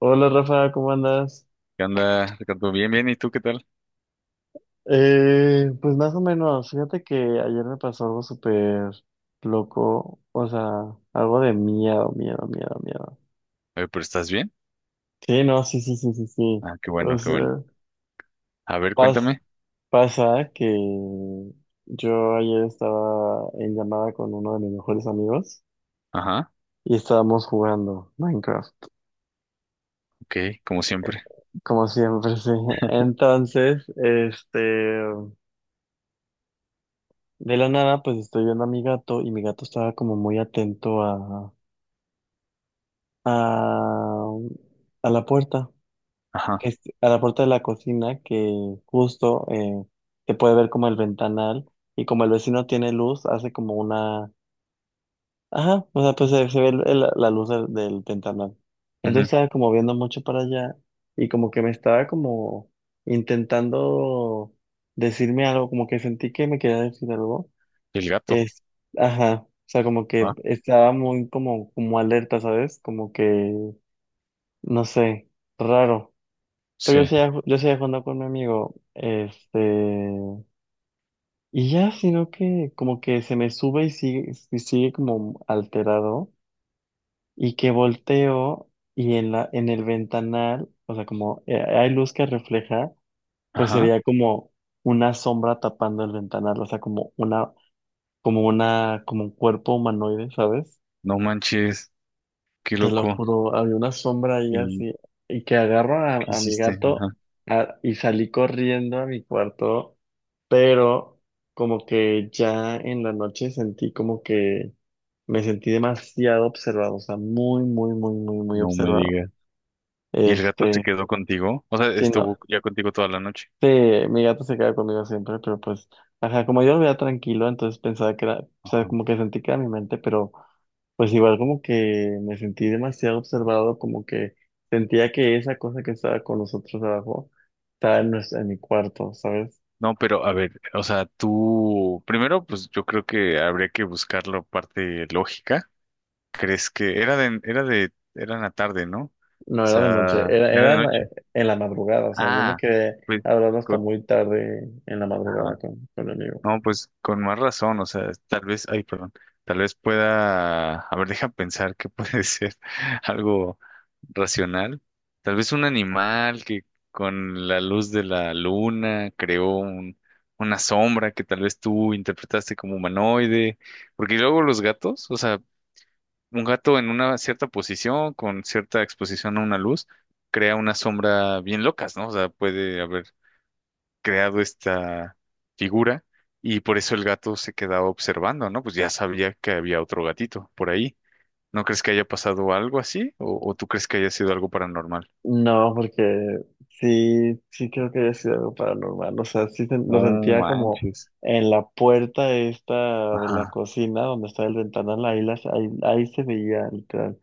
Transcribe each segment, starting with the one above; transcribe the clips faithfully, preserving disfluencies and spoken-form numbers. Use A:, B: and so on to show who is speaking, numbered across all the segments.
A: Hola Rafa, ¿cómo andas?
B: ¿Qué onda, Ricardo? Bien, bien, ¿y tú qué tal?
A: Eh, pues más o menos, fíjate que ayer me pasó algo súper loco, o sea, algo de miedo, miedo, miedo, miedo.
B: Oye, pero ¿estás bien?
A: Sí, no, sí, sí, sí, sí, sí.
B: Ah, qué
A: O
B: bueno, qué bueno.
A: sea,
B: A ver,
A: pas-
B: cuéntame.
A: pasa que yo ayer estaba en llamada con uno de mis mejores amigos
B: Ajá,
A: y estábamos jugando Minecraft,
B: ok, como siempre.
A: como siempre, sí. Entonces, este, de la nada, pues estoy viendo a mi gato y mi gato estaba como muy atento a a, a la puerta,
B: Ajá,
A: que es- a la puerta de la cocina, que justo eh, se puede ver como el ventanal y como el vecino tiene luz, hace como una... Ajá, o sea, pues se, se ve el- el- la luz del, del ventanal. Entonces
B: ujú.
A: estaba como viendo mucho para allá y como que me estaba como intentando decirme algo, como que sentí que me quería decir algo.
B: El gato.
A: Es, ajá, o sea, como que
B: Ah,
A: estaba muy como, como alerta, ¿sabes? Como que no sé, raro. Pero yo
B: sí.
A: seguía, ju- yo seguía jugando con mi amigo. Este. Y ya, sino que como que se me sube y sigue, y sigue como alterado. Y que volteo y en la, en el ventanal, o sea, como eh, hay luz que refleja, pues se
B: Ajá,
A: veía como una sombra tapando el ventanal, o sea, como una, como una, como un cuerpo humanoide, ¿sabes?
B: no manches, qué
A: Te lo
B: loco.
A: juro, había una sombra ahí
B: ¿Y
A: así, y que agarro a,
B: qué
A: a mi
B: hiciste?
A: gato
B: Ajá,
A: a- y salí corriendo a mi cuarto, pero como que ya en la noche sentí como que me sentí demasiado observado, o sea, muy, muy, muy, muy, muy
B: no me
A: observado.
B: digas. ¿Y el gato se
A: Este,
B: quedó contigo? O sea,
A: sí, no,
B: ¿estuvo ya contigo toda la noche?
A: sí, mi gato se queda conmigo siempre, pero pues, ajá, como yo lo veía tranquilo, entonces pensaba que era, o sea,
B: Ajá.
A: como que sentí que era mi mente, pero pues igual como que me sentí demasiado observado, como que sentía que esa cosa que estaba con nosotros abajo estaba en, nues- en mi cuarto, ¿sabes?
B: No, pero a ver, o sea, tú, primero, pues yo creo que habría que buscar la parte lógica. ¿Crees que era de, era de, era en la tarde, ¿no? O
A: No era de
B: sea,
A: noche, era,
B: era
A: era
B: de
A: en la,
B: noche.
A: en la madrugada, o sea, yo me
B: Ah,
A: quedé
B: pues
A: hablando hasta
B: con,
A: muy tarde en la madrugada
B: ajá.
A: con, con mi amigo.
B: No, pues con más razón, o sea, tal vez, ay, perdón, tal vez pueda, a ver, deja pensar que puede ser algo racional. Tal vez un animal que con la luz de la luna creó un- una sombra que tal vez tú interpretaste como humanoide, porque luego los gatos, o sea, un gato en una cierta posición, con cierta exposición a una luz, crea unas sombras bien locas, ¿no? O sea, puede haber creado esta figura y por eso el gato se quedaba observando, ¿no? Pues ya sabía que había otro gatito por ahí. ¿No crees que haya pasado algo así? ¿O, o tú crees que haya sido algo paranormal?
A: No, porque sí, sí creo que haya sido algo paranormal. O sea, sí sen- lo
B: No
A: sentía como
B: manches.
A: en la puerta esta de la
B: Ajá.
A: cocina, donde está el ventanal, ahí, las, ahí, ahí se veía literal.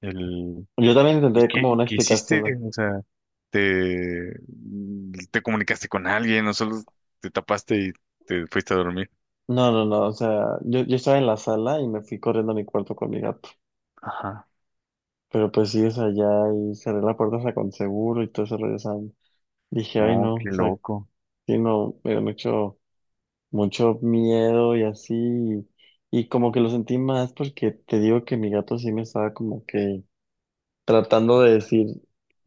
B: El...
A: Yo también
B: ¿Y
A: intenté
B: qué,
A: como
B: y
A: una
B: qué hiciste?
A: explicación.
B: O sea, ¿te, te comunicaste con alguien o solo te tapaste y te fuiste a dormir?
A: No, no, no, no, o sea, yo, yo estaba en la sala y me fui corriendo a mi cuarto con mi gato.
B: Ajá.
A: Pero pues sí, o sea, ya y cerré la puerta, o sea, con seguro y todo eso regresando. Dije, ay
B: No,
A: no,
B: qué
A: o sea,
B: loco.
A: sí, no, me han hecho mucho miedo y así, y, y como que lo sentí más porque te digo que mi gato sí me estaba como que tratando de decir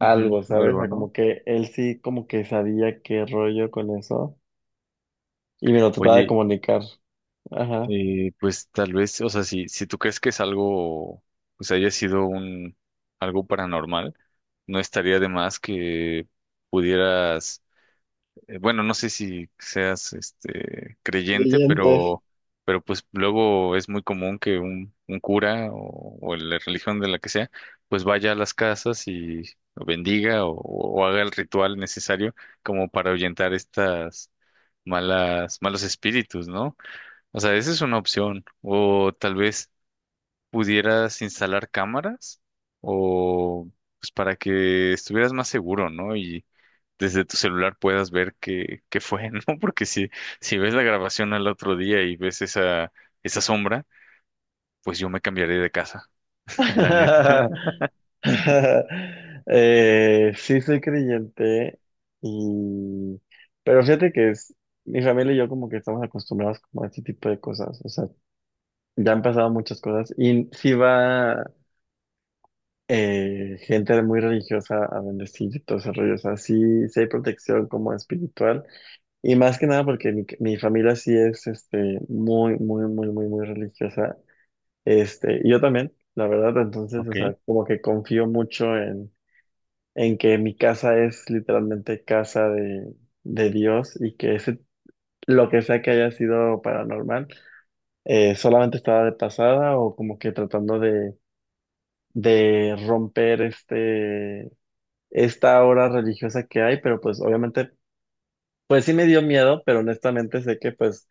B: Ujú,
A: ¿sabes? O
B: algo,
A: sea,
B: ¿no?
A: como que él sí como que sabía qué rollo con eso y me lo trataba de
B: Oye,
A: comunicar. Ajá.
B: eh, pues tal vez, o sea, si, si tú crees que es algo, pues haya sido un algo paranormal, no estaría de más que pudieras, eh, bueno, no sé si seas este creyente,
A: Creyente.
B: pero, pero pues luego es muy común que un, un cura o, o la religión de la que sea, pues vaya a las casas y bendiga o, o haga el ritual necesario como para ahuyentar estas malas, malos espíritus, ¿no? O sea, esa es una opción. O tal vez pudieras instalar cámaras o pues para que estuvieras más seguro, ¿no? Y desde tu celular puedas ver qué, qué fue, ¿no? Porque si, si ves la grabación al otro día y ves esa, esa sombra, pues yo me cambiaré de casa, la neta.
A: Eh, sí soy creyente y... Pero fíjate que es... Mi familia y yo como que estamos acostumbrados como a este tipo de cosas. O sea, ya han pasado muchas cosas y sí va eh, gente muy religiosa a bendecir y todo ese rollo. O sea, sí, sí hay protección como espiritual y más que nada porque mi, mi familia sí es este, muy, muy, muy, muy, muy religiosa. Este, y yo también, la verdad. Entonces, o
B: Ok.
A: sea, como que confío mucho en, en que mi casa es literalmente casa de, de Dios y que ese, lo que sea que haya sido paranormal eh, solamente estaba de pasada o como que tratando de de romper este, esta hora religiosa que hay, pero pues obviamente, pues sí me dio miedo, pero honestamente sé que pues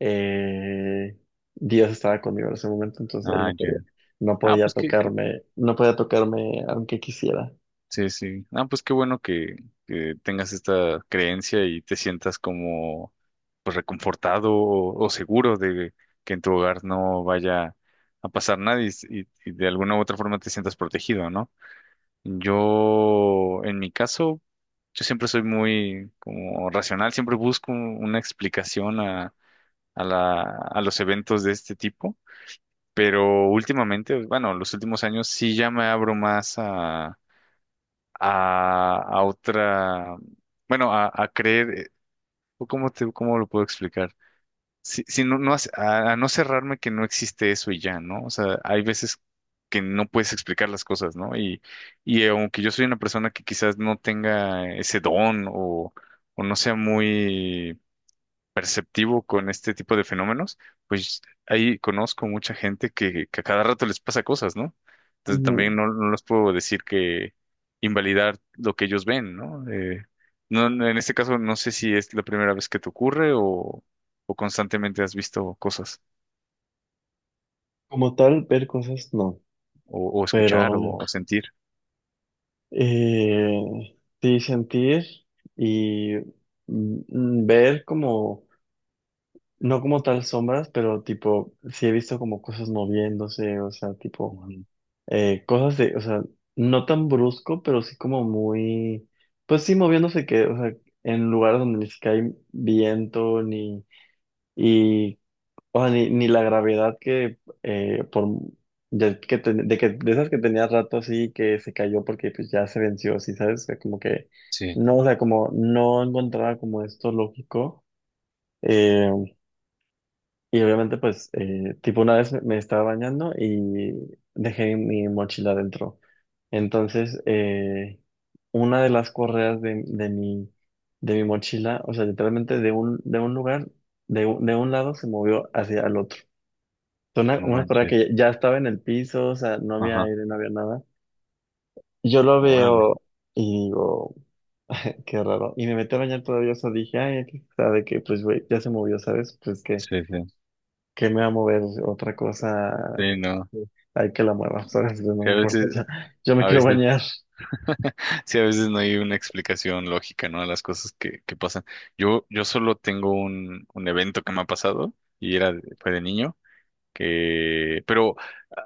A: eh, Dios estaba conmigo en ese momento, entonces él
B: Ah,
A: no podía,
B: ya.
A: no
B: Ah,
A: podía
B: pues que
A: tocarme, no podía tocarme aunque quisiera.
B: sí, sí. Ah, pues qué bueno que, que tengas esta creencia y te sientas como pues reconfortado o, o seguro de que en tu hogar no vaya a pasar nada y, y- y de alguna u otra forma te sientas protegido, ¿no? Yo, en mi caso, yo siempre soy muy como racional, siempre busco una explicación a, a la, a los eventos de este tipo, pero últimamente, bueno, los últimos años sí ya me abro más a, a otra, bueno, a, a creer, eh, o ¿cómo te, cómo lo puedo explicar? Si, si no, no, hace- a, a no cerrarme que no existe eso y ya, ¿no? O sea, hay veces que no puedes explicar las cosas, ¿no? Y, y aunque yo soy una persona que quizás no tenga ese don o, o no sea muy activo con este tipo de fenómenos, pues ahí conozco mucha gente que, que a cada rato les pasa cosas, ¿no? Entonces
A: Ujú.
B: también no, no les puedo decir que invalidar lo que ellos ven, ¿no? Eh, no, no, en este caso no sé si es la primera vez que te ocurre o, o constantemente has visto cosas
A: Como tal, ver cosas no,
B: o, o escuchar
A: pero
B: o, sentir.
A: eh, sí sentir y mm, ver como no como tal sombras, pero tipo, sí he visto como cosas moviéndose, o sea, tipo,
B: Ujú.
A: eh, cosas de, o sea, no tan brusco, pero sí como muy, pues sí moviéndose que, o sea, en lugares donde ni siquiera hay viento, ni, y, o sea, ni, ni la gravedad que, eh, por, de que, ten- de que, de esas que tenía rato así, que se cayó porque pues ya se venció, así, ¿sabes? O sea, como que,
B: Sí,
A: no, o sea, como no encontraba como esto lógico. Eh, y obviamente, pues, eh, tipo, una vez me estaba bañando y dejé mi mochila dentro. Entonces, eh, una de las correas de, de mi, de mi mochila, o sea, literalmente de un, de un lugar, de, un- de un lado se movió hacia el otro. Fue Una,
B: no
A: una correa
B: manches.
A: que ya estaba en el piso, o sea, no había
B: Ajá,
A: aire, no había nada. Yo lo
B: órale.
A: veo y digo, qué raro. Y me metí a bañar todavía, o sea, dije, ay, aquí está, de que, pues, güey, ya se movió, ¿sabes? Pues que
B: Sí, sí.
A: que me va a mover otra cosa,
B: Sí, no.
A: hay que la mueva, ¿sabes? No
B: Que
A: me
B: a
A: importa,
B: veces,
A: ya- yo me
B: a
A: quiero
B: veces
A: bañar.
B: sí, a veces no hay una explicación lógica, ¿no? A las cosas que, que pasan. Yo, yo solo tengo un, un evento que me ha pasado y era, de- fue de niño, que, pero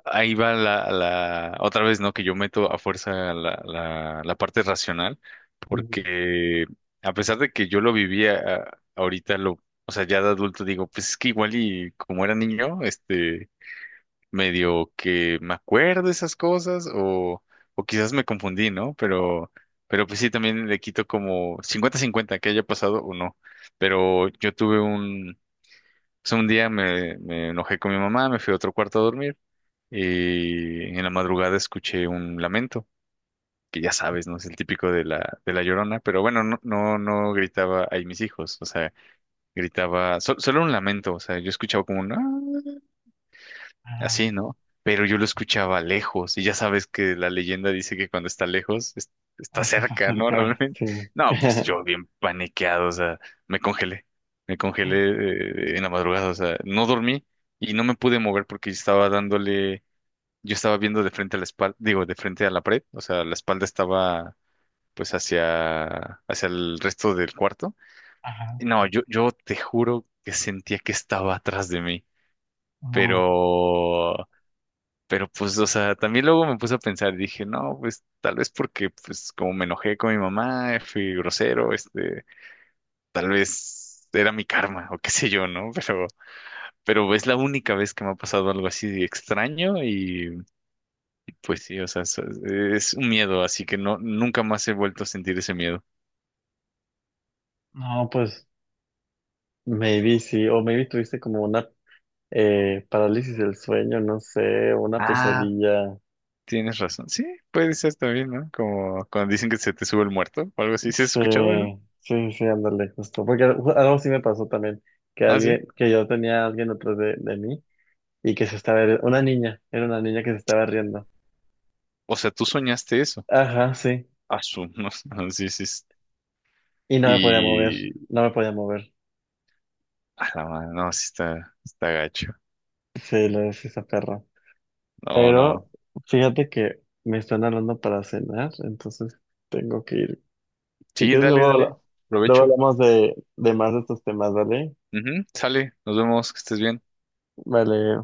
B: ahí va la, la, otra vez, ¿no? Que yo meto a fuerza la, la, la parte racional,
A: Ujú.
B: porque a pesar de que yo lo vivía a- ahorita, lo, o sea, ya de adulto digo, pues es que igual y como era niño, este, medio que me acuerdo esas cosas o, o quizás me confundí, ¿no? Pero, pero pues sí, también le quito como cincuenta cincuenta que haya pasado o no. Pero yo tuve un, pues un día me, me enojé con mi mamá, me fui a otro cuarto a dormir y en la madrugada escuché un lamento, que ya sabes, ¿no? Es el típico de la, de la Llorona, pero bueno, no, no, no gritaba ahí mis hijos, o sea, gritaba, sol- solo un lamento, o sea, yo escuchaba como un... "Ah",
A: Ah,
B: así, ¿no? Pero yo lo escuchaba lejos y ya sabes que la leyenda dice que cuando está lejos es- está
A: así es
B: cerca, ¿no?
A: acercar,
B: Realmente.
A: sí.
B: No, pues yo bien paniqueado, o sea, me congelé, me congelé, eh, en la madrugada, o sea, no dormí y no me pude mover porque yo estaba dándole, yo estaba viendo de frente a la espalda, digo, de frente a la pared, o sea, la espalda estaba pues hacia, hacia el resto del cuarto.
A: Ajá,
B: Y no, yo, yo te juro que sentía que estaba atrás de mí,
A: no,
B: pero pero pues, o sea, también luego me puse a pensar dije, no, pues tal vez porque, pues como me enojé con mi mamá, fui grosero, este, tal vez era mi karma o qué sé yo, ¿no? Pero, pero es la única vez que me ha pasado algo así de extraño y pues sí, o sea, so- es un miedo, así que no, nunca más he vuelto a sentir ese miedo.
A: no, pues, maybe sí, o maybe tuviste como una eh, parálisis del sueño, no sé, una
B: Ah,
A: pesadilla.
B: tienes razón. Sí, puede ser también, ¿no? Como cuando dicen que se te sube el muerto o algo así. ¿Sí has
A: Sí,
B: escuchado eso?
A: sí, sí, ándale, justo. Porque algo algo sí me pasó también, que
B: Ah, sí.
A: alguien, que yo tenía a alguien atrás de, de mí y que se estaba, ri- una niña, era una niña que se estaba riendo.
B: O sea, tú soñaste eso.
A: Ajá, sí.
B: Ah, su- no, sí, sí,
A: Y no me podía mover,
B: y
A: no me podía mover.
B: a la mano, no, sí está, está gacho.
A: Sí, lo decía esa perra.
B: No, no.
A: Pero fíjate que me están hablando para cenar, entonces tengo que ir. Si
B: Sí,
A: quieres,
B: dale,
A: luego, habla-
B: dale.
A: luego
B: Provecho.
A: hablamos de, de más de estos temas, ¿vale?
B: Ujú, sale, nos vemos, que estés bien.
A: Vale.